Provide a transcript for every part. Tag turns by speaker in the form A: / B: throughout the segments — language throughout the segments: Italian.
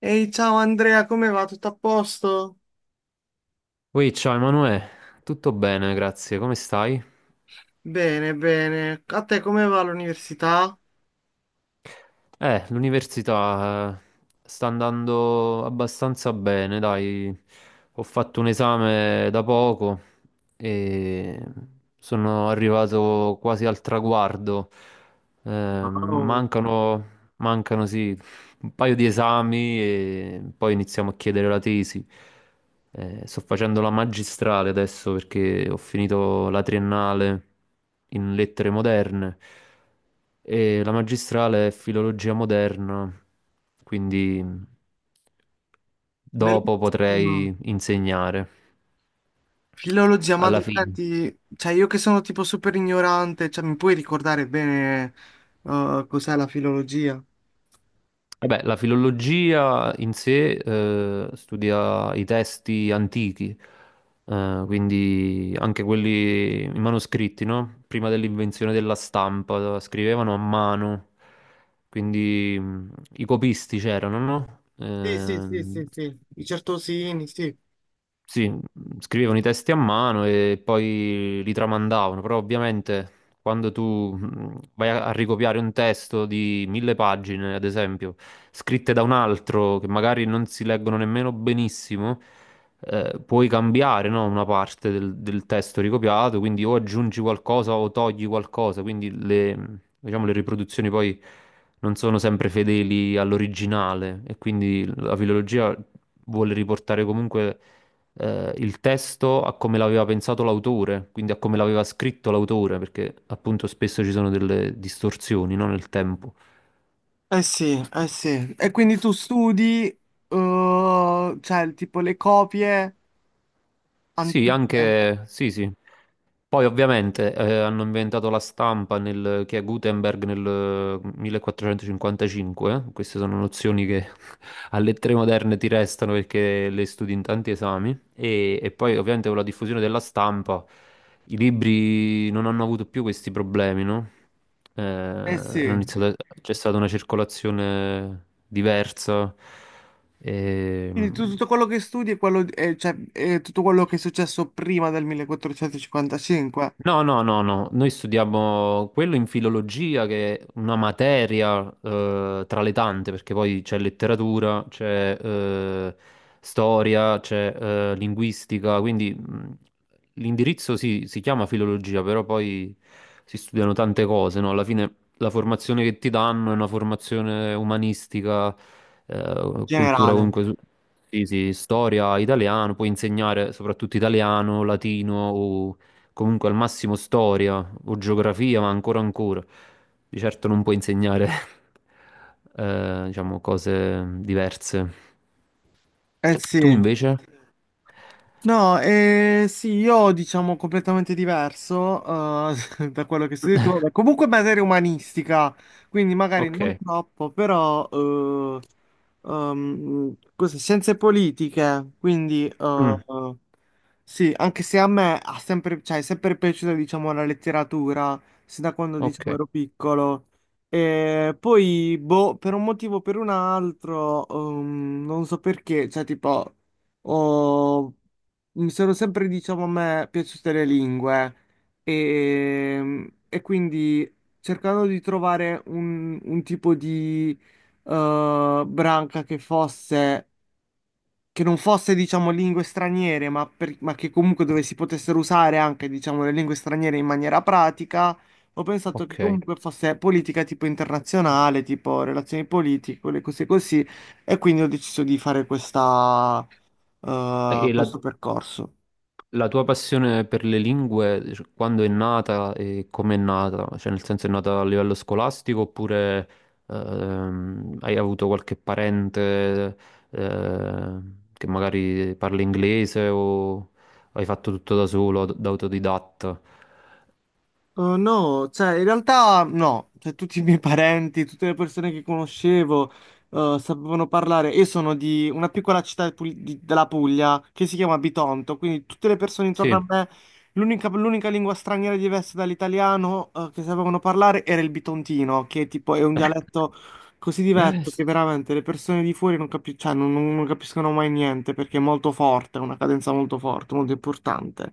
A: Ehi, ciao Andrea, come va? Tutto a posto?
B: Ui, ciao Emanuele, tutto bene, grazie, come stai?
A: Bene, bene. A te come va l'università?
B: L'università sta andando abbastanza bene, dai, ho fatto un esame da poco e sono arrivato quasi al traguardo. Eh,
A: Wow,
B: mancano sì, un paio di esami e poi iniziamo a chiedere la tesi. Sto facendo la magistrale adesso perché ho finito la triennale in lettere moderne e la magistrale è filologia moderna, quindi dopo
A: bellissimo.
B: potrei insegnare
A: Filologia, ma
B: alla
A: dai,
B: fine.
A: senti, cioè io che sono tipo super ignorante, cioè mi puoi ricordare bene cos'è la filologia?
B: Vabbè, la filologia in sé studia i testi antichi, quindi anche quelli i manoscritti, no? Prima dell'invenzione della stampa, scrivevano a mano, quindi i copisti c'erano, no?
A: Sì, sì, sì,
B: Ehm,
A: sì, sì. I certosini, sì.
B: sì, scrivevano i testi a mano e poi li tramandavano, però ovviamente quando tu vai a ricopiare un testo di mille pagine, ad esempio, scritte da un altro che magari non si leggono nemmeno benissimo, puoi cambiare, no, una parte del testo ricopiato, quindi o aggiungi qualcosa o togli qualcosa, quindi le, diciamo, le riproduzioni poi non sono sempre fedeli all'originale e quindi la filologia vuole riportare comunque il testo a come l'aveva pensato l'autore, quindi a come l'aveva scritto l'autore, perché appunto spesso ci sono delle distorsioni, no, nel tempo.
A: Eh sì, eh sì. E quindi tu studi, cioè tipo le copie
B: Sì,
A: antiche?
B: anche sì, sì. Poi ovviamente hanno inventato la stampa che è Gutenberg nel millequattrocentocinquantacinque, 1455. Queste sono nozioni che alle tre moderne ti restano perché le studi in tanti esami e poi ovviamente con la diffusione della stampa i libri non hanno avuto più questi problemi, no? Eh,
A: Eh
B: hanno
A: sì.
B: iniziato a- C'è stata una circolazione diversa. E,
A: Quindi tutto quello che studi è, quello, cioè, è tutto quello che è successo prima del 1455, in
B: No, no, no, no, noi studiamo quello in filologia, che è una materia tra le tante, perché poi c'è letteratura, c'è storia, c'è linguistica, quindi l'indirizzo sì, si chiama filologia, però poi si studiano tante cose, no? Alla fine la formazione che ti danno è una formazione umanistica, cultura
A: generale.
B: comunque. Sì, sì, storia, italiano, puoi insegnare soprattutto italiano, latino o comunque al massimo storia o geografia, ma ancora ancora. Di certo non puoi insegnare, diciamo, cose diverse.
A: Eh sì.
B: Tu invece?
A: No, sì, io diciamo completamente diverso da quello che studi tu. Vabbè, comunque materia umanistica, quindi magari non
B: Ok,
A: troppo, però scienze politiche, quindi.
B: mm,
A: Sì, anche se a me ha sempre, cioè, è sempre piaciuta, diciamo, la letteratura, sin da quando,
B: ok,
A: diciamo, ero piccolo. E poi, boh, per un motivo o per un altro, non so perché, cioè, tipo, ho- mi sono sempre, diciamo, a me piaciute le lingue. E quindi, cercando di trovare un tipo di branca che non fosse, diciamo, lingue straniere, ma che comunque dove si potessero usare anche, diciamo, le lingue straniere in maniera pratica, ho pensato che
B: ok.
A: comunque fosse politica tipo internazionale, tipo relazioni politiche, quelle cose così, e quindi ho deciso di fare
B: E la,
A: questo percorso.
B: La tua passione per le lingue, cioè, quando è nata e come è nata? Cioè, nel senso è nata a livello scolastico oppure hai avuto qualche parente eh, che magari parla inglese o hai fatto tutto da solo, da autodidatta?
A: Oh, no, cioè in realtà no, cioè, tutti i miei parenti, tutte le persone che conoscevo sapevano parlare. Io sono di una piccola città della Puglia che si chiama Bitonto, quindi tutte le persone intorno
B: Sì.
A: a me, l'unica lingua straniera diversa dall'italiano che sapevano parlare era il bitontino, che tipo è un dialetto così
B: Vabbè,
A: diverso che veramente le persone di fuori non, capi- cioè, non capiscono mai niente perché è molto forte, è una cadenza molto forte, molto importante.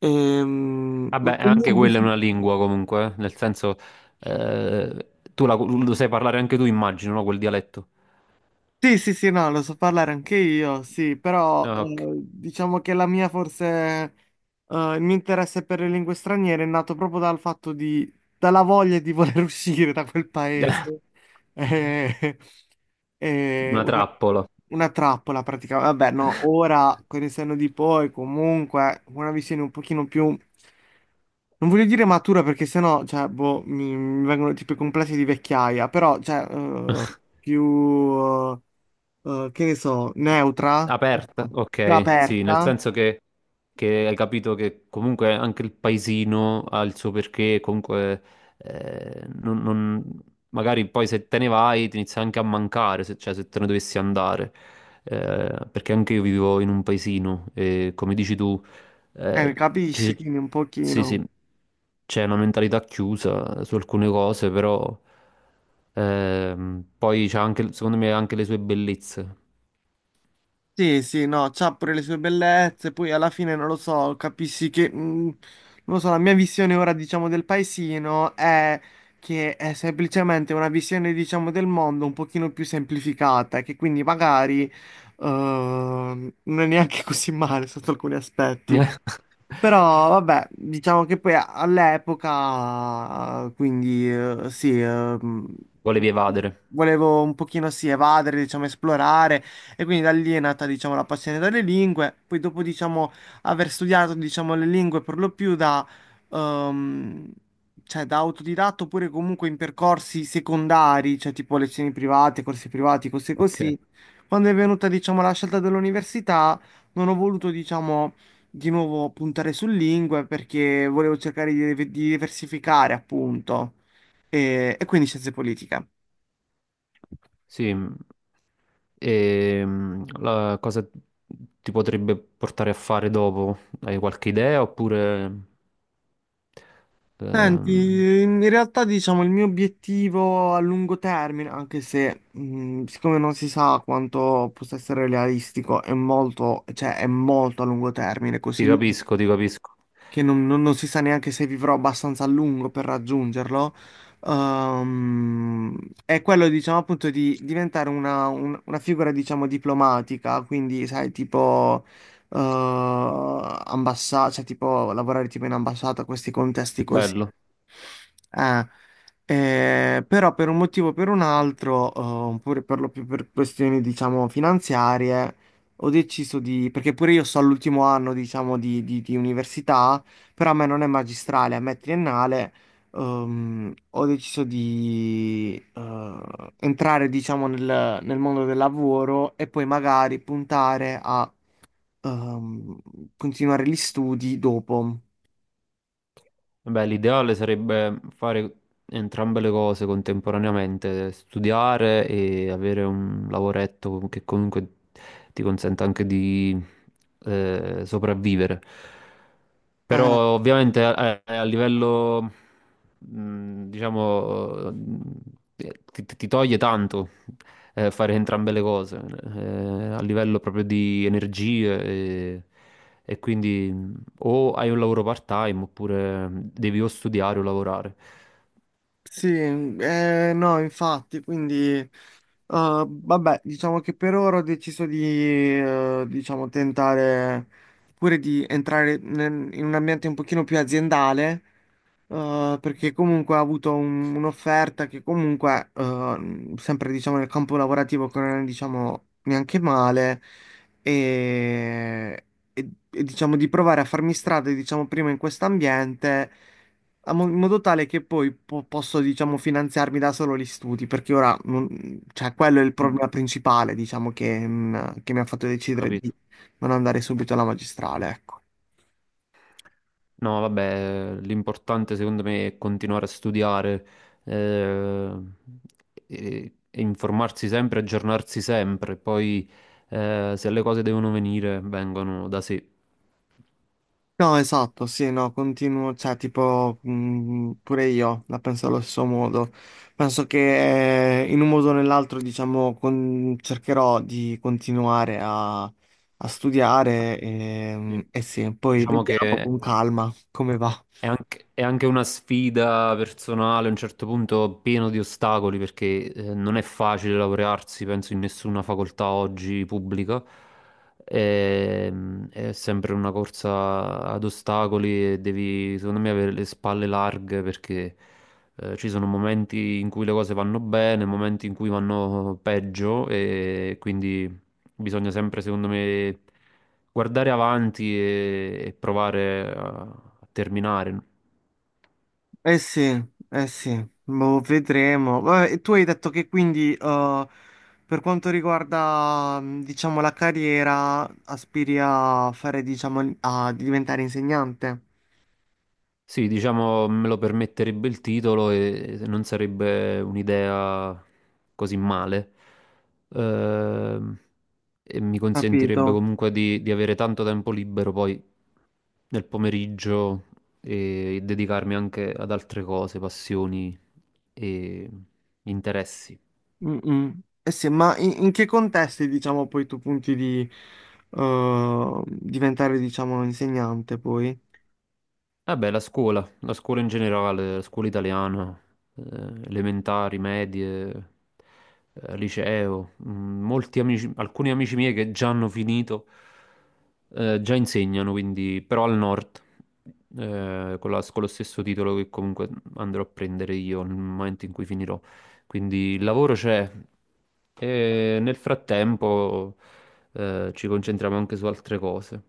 A: Ehm, ma tu-
B: anche quella è una lingua comunque, nel senso lo sai parlare anche tu, immagino, no? Quel dialetto.
A: Sì, sì, sì, no, lo so parlare anche io, sì, però
B: Ah, ok.
A: diciamo che il mio interesse per le lingue straniere è nato proprio dal fatto dalla voglia di voler uscire da quel paese. Eh, eh,
B: Una
A: una,
B: trappola.
A: una trappola praticamente. Vabbè, no, ora con il senno di poi comunque una visione un pochino più. Non voglio dire matura perché sennò, cioè, boh, mi vengono tipo i complessi di vecchiaia, però, cioè, più che ne so, neutra,
B: Aperta,
A: più
B: ok, sì, nel
A: aperta,
B: senso che hai capito che comunque anche il paesino ha il suo perché, comunque eh, non- non- magari poi se te ne vai ti inizia anche a mancare, se, cioè se te ne dovessi andare, perché anche io vivo in un paesino e, come dici tu, eh,
A: capisci?
B: ci-
A: Quindi un
B: sì, sì,
A: pochino.
B: c'è una mentalità chiusa su alcune cose, però poi c'ha anche, secondo me, ha anche le sue bellezze.
A: Sì, sì, no, c'ha pure le sue bellezze, poi alla fine non lo so, capisci che, non lo so, la mia visione ora, diciamo, del paesino è che è semplicemente una visione, diciamo, del mondo un pochino più semplificata, che quindi magari, non è neanche così male sotto alcuni aspetti. Però vabbè, diciamo che poi all'epoca, quindi sì, mh,
B: Volevi
A: diciamo,
B: evadere.
A: volevo un pochino sì evadere, diciamo esplorare e quindi da lì è nata diciamo la passione delle lingue, poi dopo diciamo aver studiato diciamo le lingue per lo più ehm, cioè, da autodidatto oppure comunque in percorsi secondari, cioè tipo lezioni private, corsi privati, cose
B: Ok.
A: così, quando è venuta diciamo la scelta dell'università non ho voluto diciamo di nuovo puntare su lingue perché volevo cercare di diversificare, appunto, e quindi scienze politiche.
B: Sì. E la cosa ti potrebbe portare a fare dopo? Hai qualche idea oppure? ehm,
A: Senti, in realtà diciamo il mio obiettivo a lungo termine, anche se siccome non si sa quanto possa essere realistico, è molto, cioè è molto a lungo termine,
B: Ti
A: così lungo,
B: capisco, ti capisco.
A: che non si sa neanche se vivrò abbastanza a lungo per raggiungerlo, ehm, è quello, diciamo, appunto di diventare una, una figura, diciamo, diplomatica, quindi, sai, tipo, cioè, tipo, lavorare tipo in ambasciata, questi contesti così.
B: Bello.
A: Eh, però per un motivo o per un altro, oppure per lo più per questioni, diciamo, finanziarie, ho deciso di, perché pure io sto all'ultimo anno, diciamo, di università, però a me non è magistrale, a me è triennale, ho deciso di entrare, diciamo, nel mondo del lavoro e poi magari puntare a ehm, continuare gli studi dopo.
B: Beh, l'ideale sarebbe fare entrambe le cose contemporaneamente, studiare e avere un lavoretto che comunque ti consenta anche di sopravvivere.
A: Eh,
B: Però ovviamente a livello, diciamo, ti toglie tanto fare entrambe le cose, a livello proprio di energie, e e quindi o hai un lavoro part-time oppure devi o studiare o lavorare.
A: sì, no, infatti, quindi, vabbè, diciamo che per ora ho deciso di, diciamo, tentare pure di entrare in un ambiente un pochino più aziendale perché comunque ha avuto un'offerta che comunque, sempre diciamo nel campo lavorativo, che non è diciamo neanche male, e, e, diciamo di provare a farmi strada, diciamo prima in quest'ambiente, in modo tale che poi posso diciamo finanziarmi da solo gli studi, perché ora, cioè, quello è il
B: Mm,
A: problema principale, diciamo, che mi ha fatto decidere di
B: capito?
A: non andare subito alla magistrale, ecco.
B: No, vabbè, l'importante secondo me è continuare a studiare, eh, e informarsi sempre, aggiornarsi sempre, poi se le cose devono venire, vengono da sé.
A: No, esatto, sì, no, continuo, cioè, tipo, pure io la penso allo stesso modo. Penso che in un modo o nell'altro, diciamo, cercherò di continuare a studiare
B: Sì.
A: e sì, poi
B: Diciamo
A: vediamo
B: che
A: con calma come va.
B: è anche una sfida personale, a un certo punto pieno di ostacoli, perché non è facile laurearsi, penso, in nessuna facoltà oggi pubblica. È sempre una corsa ad ostacoli e devi, secondo me, avere le spalle larghe, perché ci sono momenti in cui le cose vanno bene, momenti in cui vanno peggio, e quindi bisogna sempre, secondo me, guardare avanti e provare a terminare.
A: Eh sì, eh sì, boh, vedremo. Vabbè, e tu hai detto che quindi, per quanto riguarda, diciamo, la carriera, aspiri diciamo, a diventare insegnante?
B: Sì, diciamo, me lo permetterebbe il titolo e non sarebbe un'idea così male. Ehm, e mi consentirebbe
A: Capito.
B: comunque di avere tanto tempo libero poi nel pomeriggio e dedicarmi anche ad altre cose, passioni e interessi.
A: Mm-mm. Eh sì, ma in che contesti, diciamo, poi tu punti di diventare, diciamo, insegnante poi?
B: Eh beh, la scuola in generale, la scuola italiana, eh, elementari, medie, liceo. Molti amici, alcuni amici miei che già hanno finito, già insegnano, quindi, però al nord, con lo stesso titolo che comunque andrò a prendere io nel momento in cui finirò. Quindi il lavoro c'è e, nel frattempo, ci concentriamo anche su altre cose.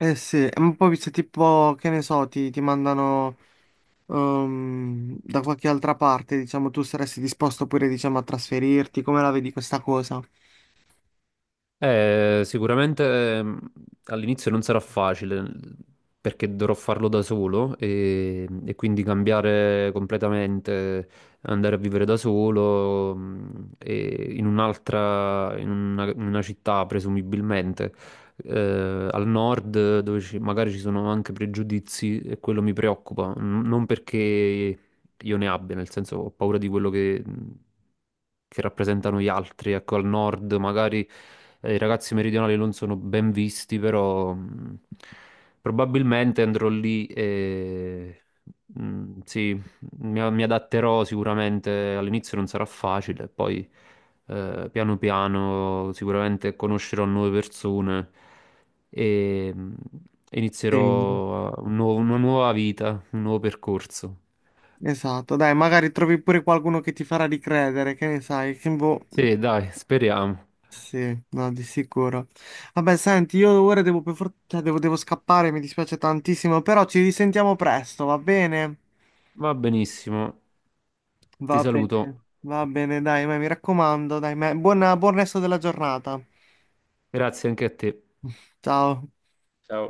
A: Eh sì, ma poi se tipo, che ne so, ti mandano da qualche altra parte, diciamo, tu saresti disposto pure, diciamo, a trasferirti, come la vedi questa cosa?
B: Sicuramente all'inizio non sarà facile perché dovrò farlo da solo e quindi cambiare completamente, andare a vivere da solo, e in una città presumibilmente, al nord, dove magari ci sono anche pregiudizi e quello mi preoccupa, non perché io ne abbia, nel senso ho paura di quello che rappresentano gli altri. Ecco, al nord magari i ragazzi meridionali non sono ben visti, però probabilmente andrò lì e sì, mi adatterò sicuramente. All'inizio non sarà facile, poi piano piano sicuramente conoscerò nuove persone e
A: Sì,
B: inizierò una nuova vita, un nuovo percorso.
A: esatto, dai, magari trovi pure qualcuno che ti farà ricredere, che ne sai, che boh.
B: Sì, dai, speriamo.
A: Sì, no, di sicuro. Vabbè, senti, io ora devo, cioè, devo scappare, mi dispiace tantissimo, però ci risentiamo presto, va bene?
B: Va benissimo.
A: Va
B: Ti
A: bene,
B: saluto.
A: va bene, dai, ma mi raccomando, dai, buon resto della giornata.
B: Grazie anche a te.
A: Ciao.
B: Ciao.